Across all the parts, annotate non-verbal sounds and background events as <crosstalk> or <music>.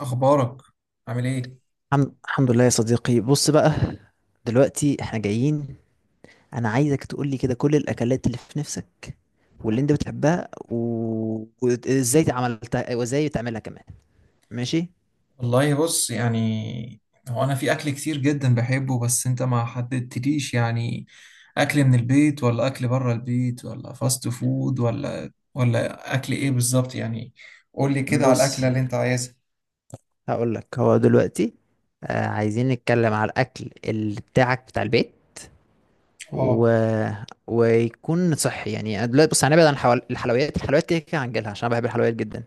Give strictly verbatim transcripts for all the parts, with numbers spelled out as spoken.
اخبارك؟ عامل ايه؟ الحم- الحمد لله يا صديقي، بص بقى. دلوقتي احنا جايين. انا عايزك تقول لي كده كل الاكلات اللي في نفسك واللي انت بتحبها و... وازاي عملتها وازاي بتعملها كمان. ماشي. والله بص، يعني هو انا في اكل كتير جدا بحبه، بس انت ما حددتليش يعني اكل من البيت ولا اكل بره البيت ولا فاست فود ولا ولا اكل ايه بالظبط يعني؟ قول لي كده على الاكله بص اللي انت عايزها. هقول لك، هو دلوقتي آه عايزين نتكلم على الاكل اللي بتاعك بتاع البيت و... اه. ويكون صحي. يعني أنا دلوقتي بص هنبعد عن الحوال... الحلويات الحلويات كده كده هنجيلها، عشان أنا بحب الحلويات جدا.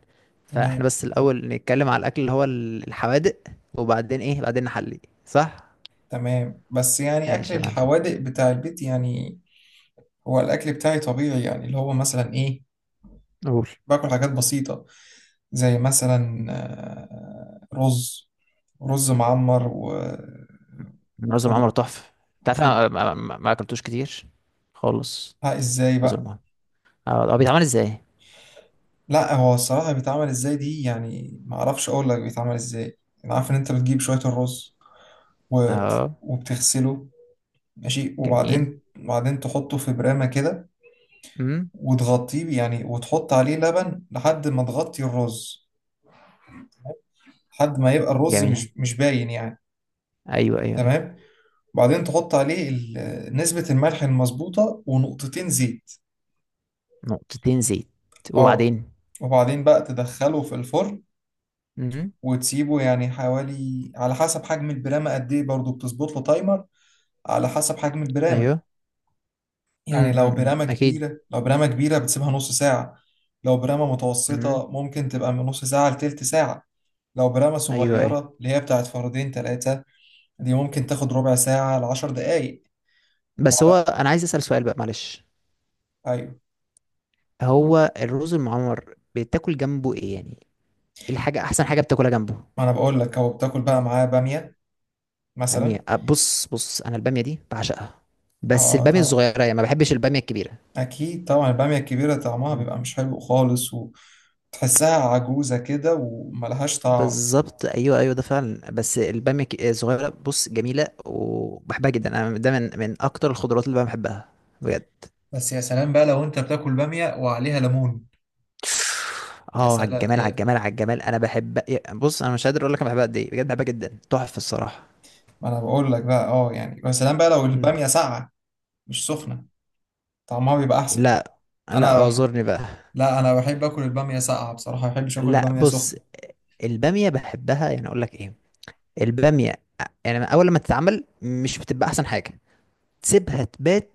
فاحنا تمام، بس الأول نتكلم على الأكل اللي هو ال- الحوادق، وبعدين إيه بعدين نحلي، صح؟ تمام، بس يعني اكل ماشي يا معلم. الحوادق بتاع البيت يعني. هو الاكل بتاعي طبيعي يعني، اللي هو مثلا ايه، قول. باكل حاجات بسيطه، زي مثلا آه، رز رز معمر و- رز وخد المعمر تحفة. أنت عارف وخدها. أنا ما ما- ما أكلتوش كتير خالص. ازاي رز بقى؟ المعمر، أه هو بيتعمل إزاي؟ لا هو الصراحة بيتعمل ازاي دي، يعني ما اعرفش اقول لك بيتعمل ازاي. انا عارف ان انت بتجيب شوية الرز وبت... أه. وبتغسله، ماشي، جميل. وبعدين وبعدين تحطه في برامة كده، أمم. وتغطيه يعني، وتحط عليه لبن لحد ما تغطي الرز، لحد ما يبقى الرز جميل. مش مش باين يعني. أيوه، أيوه، أيوه. تمام، وبعدين تحط عليه ال- نسبة الملح المظبوطة ونقطتين زيت. نقطتين زيت، اه. وبعدين؟ وبعدين بقى تدخله في الفرن، أمم. وتسيبه يعني حوالي، على حسب حجم البرامة قد ايه برضه بتظبط له تايمر، على حسب حجم البرامة. أيوه. يعني أمم، لو أمم، برامة أكيد. كبيرة لو برامة كبيرة بتسيبها نص ساعة. لو برامة أمم. متوسطة ممكن تبقى من نص ساعة لتلت ساعة. لو برامة أيوه، أيوه. صغيرة اللي هي بتاعت فردين تلاتة، دي ممكن تاخد ربع ساعة لعشر دقايق. بس هو وعلى انا عايز اسال سؤال بقى، معلش. أيوة. هو الرز المعمر بتاكل جنبه ايه يعني؟ ايه الحاجه، احسن حاجه بتاكلها جنبه؟ ما أنا بقول لك، هو بتاكل بقى معاه بامية باميه، مثلا. أه، بص بص، انا الباميه دي بعشقها. بس اه الباميه طبعا، الصغيره يعني، ما بحبش الباميه الكبيره. اكيد طبعا، الباميه الكبيره طعمها مم. بيبقى مش حلو خالص، وتحسها عجوزه كده، وملهاش طعم. بالظبط، ايوه ايوه، ده فعلا، بس الباميه الك- الصغيره بص جميله وبحبها جدا انا. ده من من اكتر الخضروات اللي انا بحبها. بجد. بس يا سلام بقى لو انت بتاكل بامية وعليها ليمون، يا اه، على سلام الجمال، على يا... الجمال، على الجمال، انا بحب. بص انا مش قادر اقول لك انا بحبها قد ايه، بجد بحبها جدا، تحفه الصراحه. ما انا بقول لك بقى اه يعني، يا سلام بقى لو مم. الباميه ساقعه مش سخنه طعمها بيبقى احسن. لا. انا لا، بح... اعذرني بقى. لا انا بحب اكل الباميه ساقعه بصراحه، ما بحبش اكل لا، الباميه سخنه. بص. البامية بحبها، يعني اقول لك ايه؟ البامية، يعني اول لما تتعمل مش بتبقى احسن حاجة. تسيبها تبات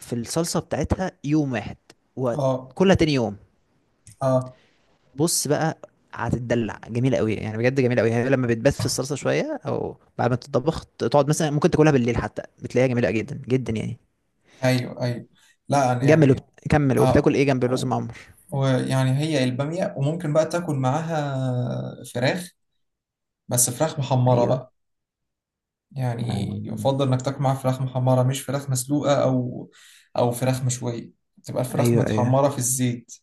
في الصلصة بتاعتها يوم واحد، اه، وكلها تاني يوم. اه، بص بقى، هتتدلع جميلة قوي يعني، بجد جميلة قوي. هي لما بتبات في الصلصة شوية، او بعد ما تتطبخ تقعد مثلا ممكن تاكلها بالليل، حتى بتلاقيها جميلة جدا جدا يعني. ايوه، ايوه، لا أنا جمل وبت... يعني، كمل وبتاكل اه ايه جنب الرز و- معمر؟ ويعني هي البامية، وممكن بقى تاكل معاها فراخ، بس فراخ محمرة ايوه. بقى. يعني آم. يفضل انك تاكل معاها فراخ محمرة مش فراخ مسلوقة او او فراخ مشوية. تبقى الفراخ ايوه، ايوه. متحمرة في الزيت.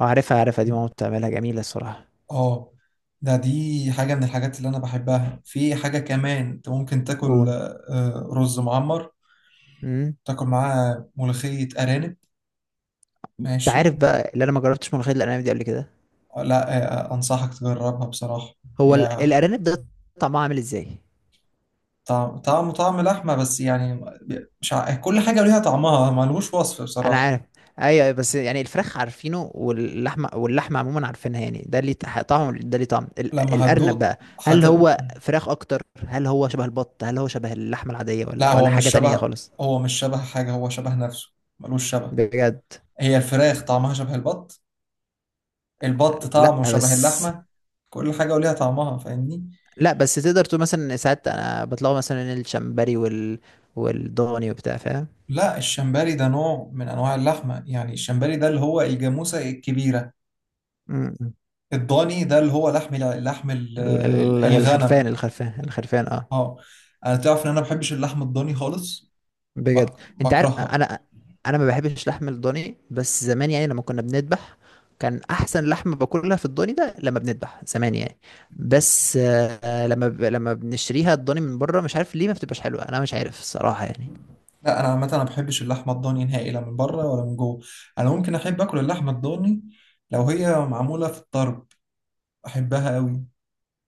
اه، عارفها عارفها، دي ماما بتعملها جميلة الصراحة. اه. ده دي حاجة من الحاجات اللي انا بحبها. في حاجة كمان انت ممكن تاكل آه، رز معمر، قول. تاكل معاه ملوخية ارانب. انت عارف ماشي. بقى، اللي انا ما جربتش ملوخيه الارانب دي قبل كده. آه، لا، آه، انصحك تجربها بصراحة. هو هي ال- الارانب ده طعمها عامل ازاي؟ طعم طعمه طعم لحمة بس يعني، ب- مش ع... كل حاجة ليها طعمها ملهوش وصف انا بصراحة. عارف. ايوه، أيوة، بس يعني الفراخ عارفينه، واللحمه واللحمه عموما عارفينها يعني، ده ليه تح- طعم ده ليه طعم ال- لما الارنب هتدوق، بقى؟ هل هت... هو فراخ اكتر، هل هو شبه البط، هل هو شبه اللحمه العاديه، لا ولا ولا هو حاجه مش تانية شبه خالص؟ هو مش شبه حاجة، هو شبه نفسه، ملوش شبه. بجد. هي الفراخ طعمها شبه البط، البط لا طعمه شبه بس. اللحمة. كل حاجة وليها طعمها، فاهمني. لا بس تقدر تقول مثلا ساعات انا بطلعوا مثلا الشمبري وال والضاني وبتاع، فاهم؟ لا الشمبري ده نوع من أنواع اللحمة يعني، الشمبري ده اللي هو الجاموسة الكبيرة. م- م. الضاني ده اللي هو لحم الع- لحم ال- ال- ال- ال- الغنم. الخرفان الخرفان الخرفان، اه. اه. انا تعرف ان انا ما بحبش اللحم الضاني خالص، بجد. بك... انت عارف بكرهها. انا، انا ما بحبش لحم الضاني، بس زمان يعني لما كنا بنذبح، كان احسن لحمه باكلها في الضاني ده لما بنذبح زمان يعني. بس آه لما ب... لما بنشتريها الضاني من بره، مش عارف ليه ما بتبقاش حلوه، انا مش عارف الصراحه يعني. لا انا عامه انا ما بحبش اللحمه الضاني نهائي، لا من بره ولا من جوه. انا ممكن احب اكل اللحمه الضاني لو هي معموله في الطرب، احبها قوي.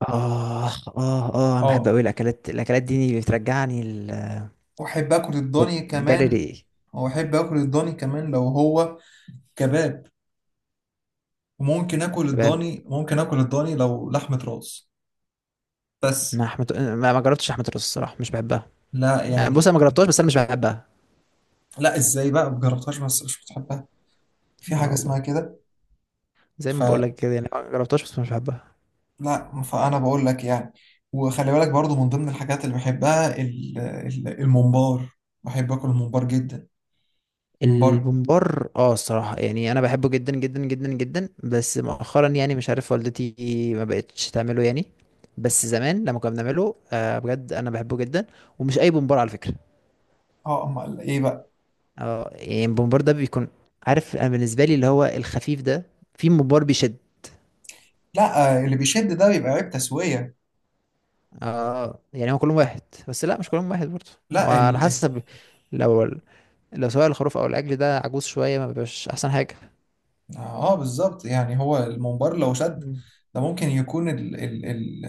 اه، اه، اه، انا بحب اه، قوي الاكلات الاكلات دي بترجعني. ال... واحب اكل الضاني بتجري كمان ريقي. واحب اكل الضاني كمان لو هو كباب. وممكن اكل شباب. الضاني ممكن اكل الضاني لو لحمه راس بس. ما حمت... ما ما جربتش لحمه الراس الصراحه، مش بحبها. لا يعني بص انا يعني، ما جربتهاش بس انا مش بحبها. لا ازاي بقى مجربتهاش بس مش بتحبها؟ في اه حاجه والله، اسمها كده؟ زي ما بقول لك كده يعني، ما جربتهاش بس مش بحبها. لا فانا بقول لك يعني، وخلي بالك برضو من ضمن الحاجات اللي بحبها ال- ال- الممبار، بحب اكل الممبار جدا. الممبار. البومبار، اه الصراحة يعني انا بحبه جدا جدا جدا جدا، بس مؤخرا يعني مش عارف، والدتي ما بقتش تعمله يعني. بس زمان لما كنا بنعمله، آه بجد انا بحبه جدا. ومش اي بومبار على فكرة. اه، امال ايه بقى؟ اه يعني البومبار ده بيكون، عارف، انا بالنسبة لي اللي هو الخفيف ده. في ممبار بيشد. لا، آه، اللي بيشد ده بيبقى عيب تسويه. اه يعني هو كلهم واحد، بس لا مش كلهم واحد برضه، هو لا على ال... حسب. لو لو سواء الخروف او العجل ده عجوز شوية، ما بيبقاش احسن حاجة. اه بالظبط، يعني هو الممبار لو شد، مم. ده ممكن يكون ال... ال... ال...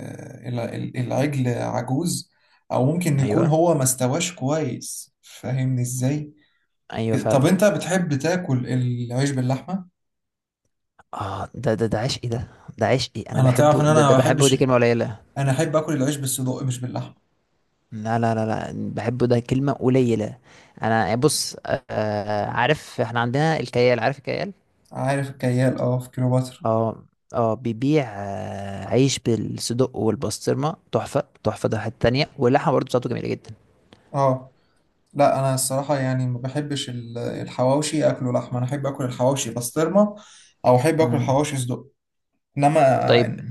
ال... ال- العجل عجوز، او ممكن يكون ايوه، هو ما استواش كويس، فاهمني ازاي. ايوه طب فعلا. انت بتحب تاكل العيش باللحمه؟ اه، ده ده ده عشقي ده. ده عشقي، انا انا تعرف ان بحبه، ده انا ده ما بحبه بحبش، دي كلمة قليلة. انا احب اكل العيش بالصدق مش باللحمه. لا، لا، لا، لا، بحبه ده كلمة قليلة. انا بص، آه آه، عارف احنا عندنا الكيال، عارف الكيال؟ عارف الكيال، اه في كليوباترا. اه. اه، بيبيع آه عيش بالصدق والبسطرمة تحفة تحفة، ده حتة تانية، واللحمة برضه بتاعته جميلة جدا. اه. لا انا الصراحه يعني ما بحبش ال- الحواوشي اكله لحمه، انا احب اكل الحواوشي بسطرمه، او احب اكل مم. الحواوشي صدق. انما طيب. آه،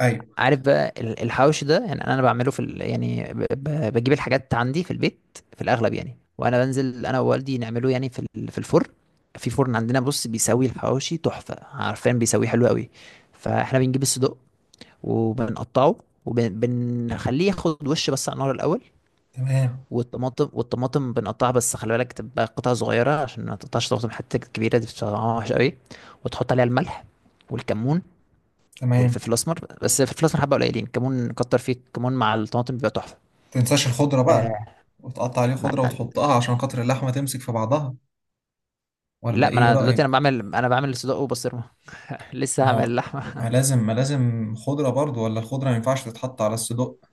ايوه. عارف بقى ال- الحوش ده، يعني انا بعمله في ال... يعني ب... ب- بجيب الحاجات عندي في البيت في الاغلب يعني، وانا بنزل انا ووالدي نعمله يعني في ال... في الفرن. في فرن عندنا بص بيسوي الحواوشي تحفه، عارفين بيسويه حلو قوي. فاحنا بنجيب الصدق وبنقطعه، وبنخليه ياخد وش بس على النار الاول. تمام، والطماطم والطماطم بنقطعها، بس خلي بالك تبقى قطع صغيره، عشان ما تقطعش طماطم حتى كبيره، دي بتبقى وحشه قوي. وتحط عليها الملح والكمون، تمام، والفلفل الاسمر، بس الفلفل الاسمر حبه قليلين، كمون كتر فيه، كمون مع الطماطم بيبقى تحفه. تنساش الخضره بقى، آه. وتقطع عليه مع... خضره وتحطها عشان خاطر اللحمه تمسك في بعضها، ولا لا ما ايه انا دلوقتي رايك؟ انا بعمل انا بعمل صدق وبسطرمه. <laughs> لسه ما هعمل هو ما اللحمه <laughs> لازم ما لازم خضره برضو، ولا الخضره ما ينفعش تتحط على الصدق؟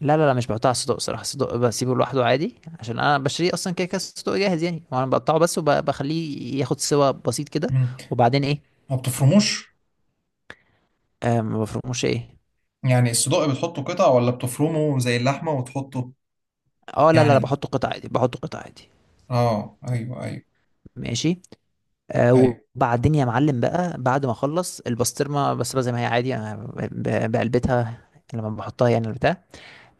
لا، لا، لا، مش بحطها على الصدق صراحه، الصدق بسيبه لوحده عادي، عشان انا بشتريه اصلا كده كده الصدق جاهز يعني، وانا بقطعه بس وبخليه ياخد سوا بسيط كده. مم. وبعدين ايه؟ ما بتفرموش؟ آه، ما بفرموش ايه؟ يعني الصدوق بتحطه قطع ولا بتفرمه زي اللحمة وتحطه اه، لا، لا، لا، يعني؟ بحطه قطع عادي بحطه قطع عادي. اه، ايوه، ايوه، ماشي. آه، ايوه. وبعدين يا معلم بقى، بعد ما اخلص البسطرمه، بسطرمه زي ما هي عادي انا ب- بقلبتها لما بحطها يعني البتاع،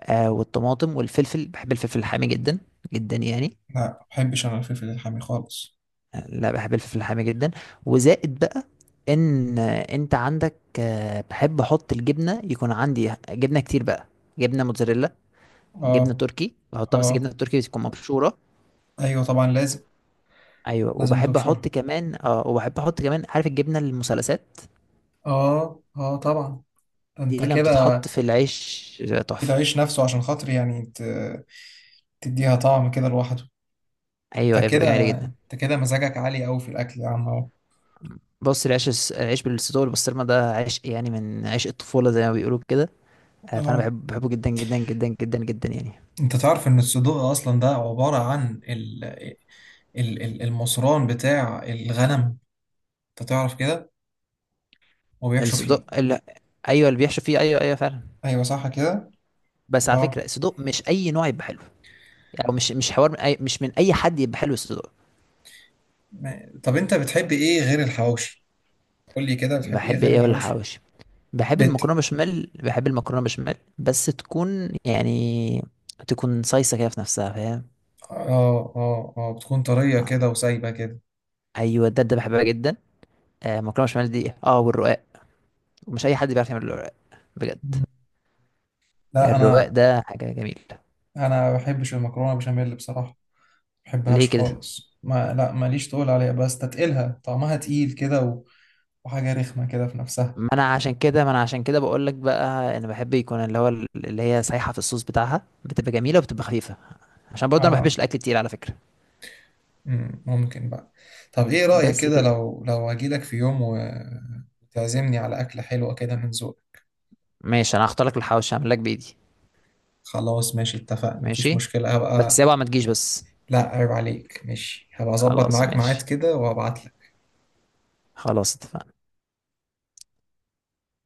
آه، والطماطم والفلفل. بحب الفلفل الحامي جدا جدا يعني. لا ما بحبش انا الفلفل الحامي خالص. آه، لا بحب الفلفل الحامي جدا. وزائد بقى ان، آه، انت عندك، آه، بحب احط الجبنه، يكون عندي جبنه كتير بقى. جبنه موتزاريلا، اه، جبنه تركي بحطها، بس جبنه اه، تركي بتكون مبشوره. ايوه طبعا لازم. ايوه، لازم وبحب احط تبشرها. كمان اه وبحب احط كمان عارف الجبنه المثلثات، اه، اه طبعا، ده انت دي لما كده، بتتحط في العيش تحفه. العيش نفسه عشان خاطر يعني ت- تديها طعم كده لوحده. ايوه، انت ايوه، بتبقى جميله كده جدا. انت كده مزاجك عالي قوي في الاكل يا عم اهو. بص، العيش الس- العيش بالصدوق والبسطرمه ده عيش يعني من عيش الطفوله زي ما بيقولوا كده، آه، فانا اه، بحب، بحبه جدا جدا جدا جدا جدا يعني. انت تعرف ان الصدوق اصلا ده عبارة عن ال- ال- ال- المصران بتاع الغنم، انت تعرف كده، وبيحشوا الصدوق، فيه. ال... ايوه اللي بيحشو فيه، ايوه، ايوه فعلا. ايوه، صح كده. بس على فكره اه، الصدوق مش اي نوع يبقى حلو، يعني مش مش حوار من أي... مش من اي حد يبقى حلو الصدوق. ما- طب انت بتحب ايه غير الحواوشي؟ قول لي كده بتحب ايه بحب غير ايه ولا الحواوشي. حواوشي؟ بحب بيت. المكرونه بشاميل بحب المكرونه بشاميل بس تكون يعني، تكون صيصه كده في نفسها، فاهم؟ اه، اه، اه، بتكون طريه آه، كده وسايبه كده. ايوه، ده ده بحبها جدا. آه، مكرونه بشاميل دي، اه، والرقاق، ومش اي حد بيعرف يعمل الرواق، بجد. مم. لا، الرواق انا ده حاجه جميله. انا ما بحبش المكرونه بشاميل بصراحه، ما ليه بحبهاش كده؟ خالص، ما، لا، ماليش تقول عليها، بستتقلها طعمها تقيل كده و... وحاجه رخمه كده في نفسها. ما انا عشان كده ما انا عشان كده بقول لك بقى، انا بحب يكون اللي هو اللي هي سايحه في الصوص بتاعها، بتبقى جميله وبتبقى خفيفه، عشان برضه انا ما اه. بحبش الاكل تقيل على فكره. مم، ممكن بقى. طب ايه رايك بس كده كده. لو لو اجي لك في يوم و- وتعزمني على اكله حلوه كده من ذوقك؟ ماشي، انا هختار لك الحواوشي، هعمل لك بايدي. خلاص ماشي، اتفقنا، مفيش ماشي، مشكلة، بس هبقى. اوعى ما تجيش بس. لا عيب عليك، ماشي، هبقى اظبط خلاص معاك ميعاد ماشي. كده وهبعت. خلاص اتفقنا.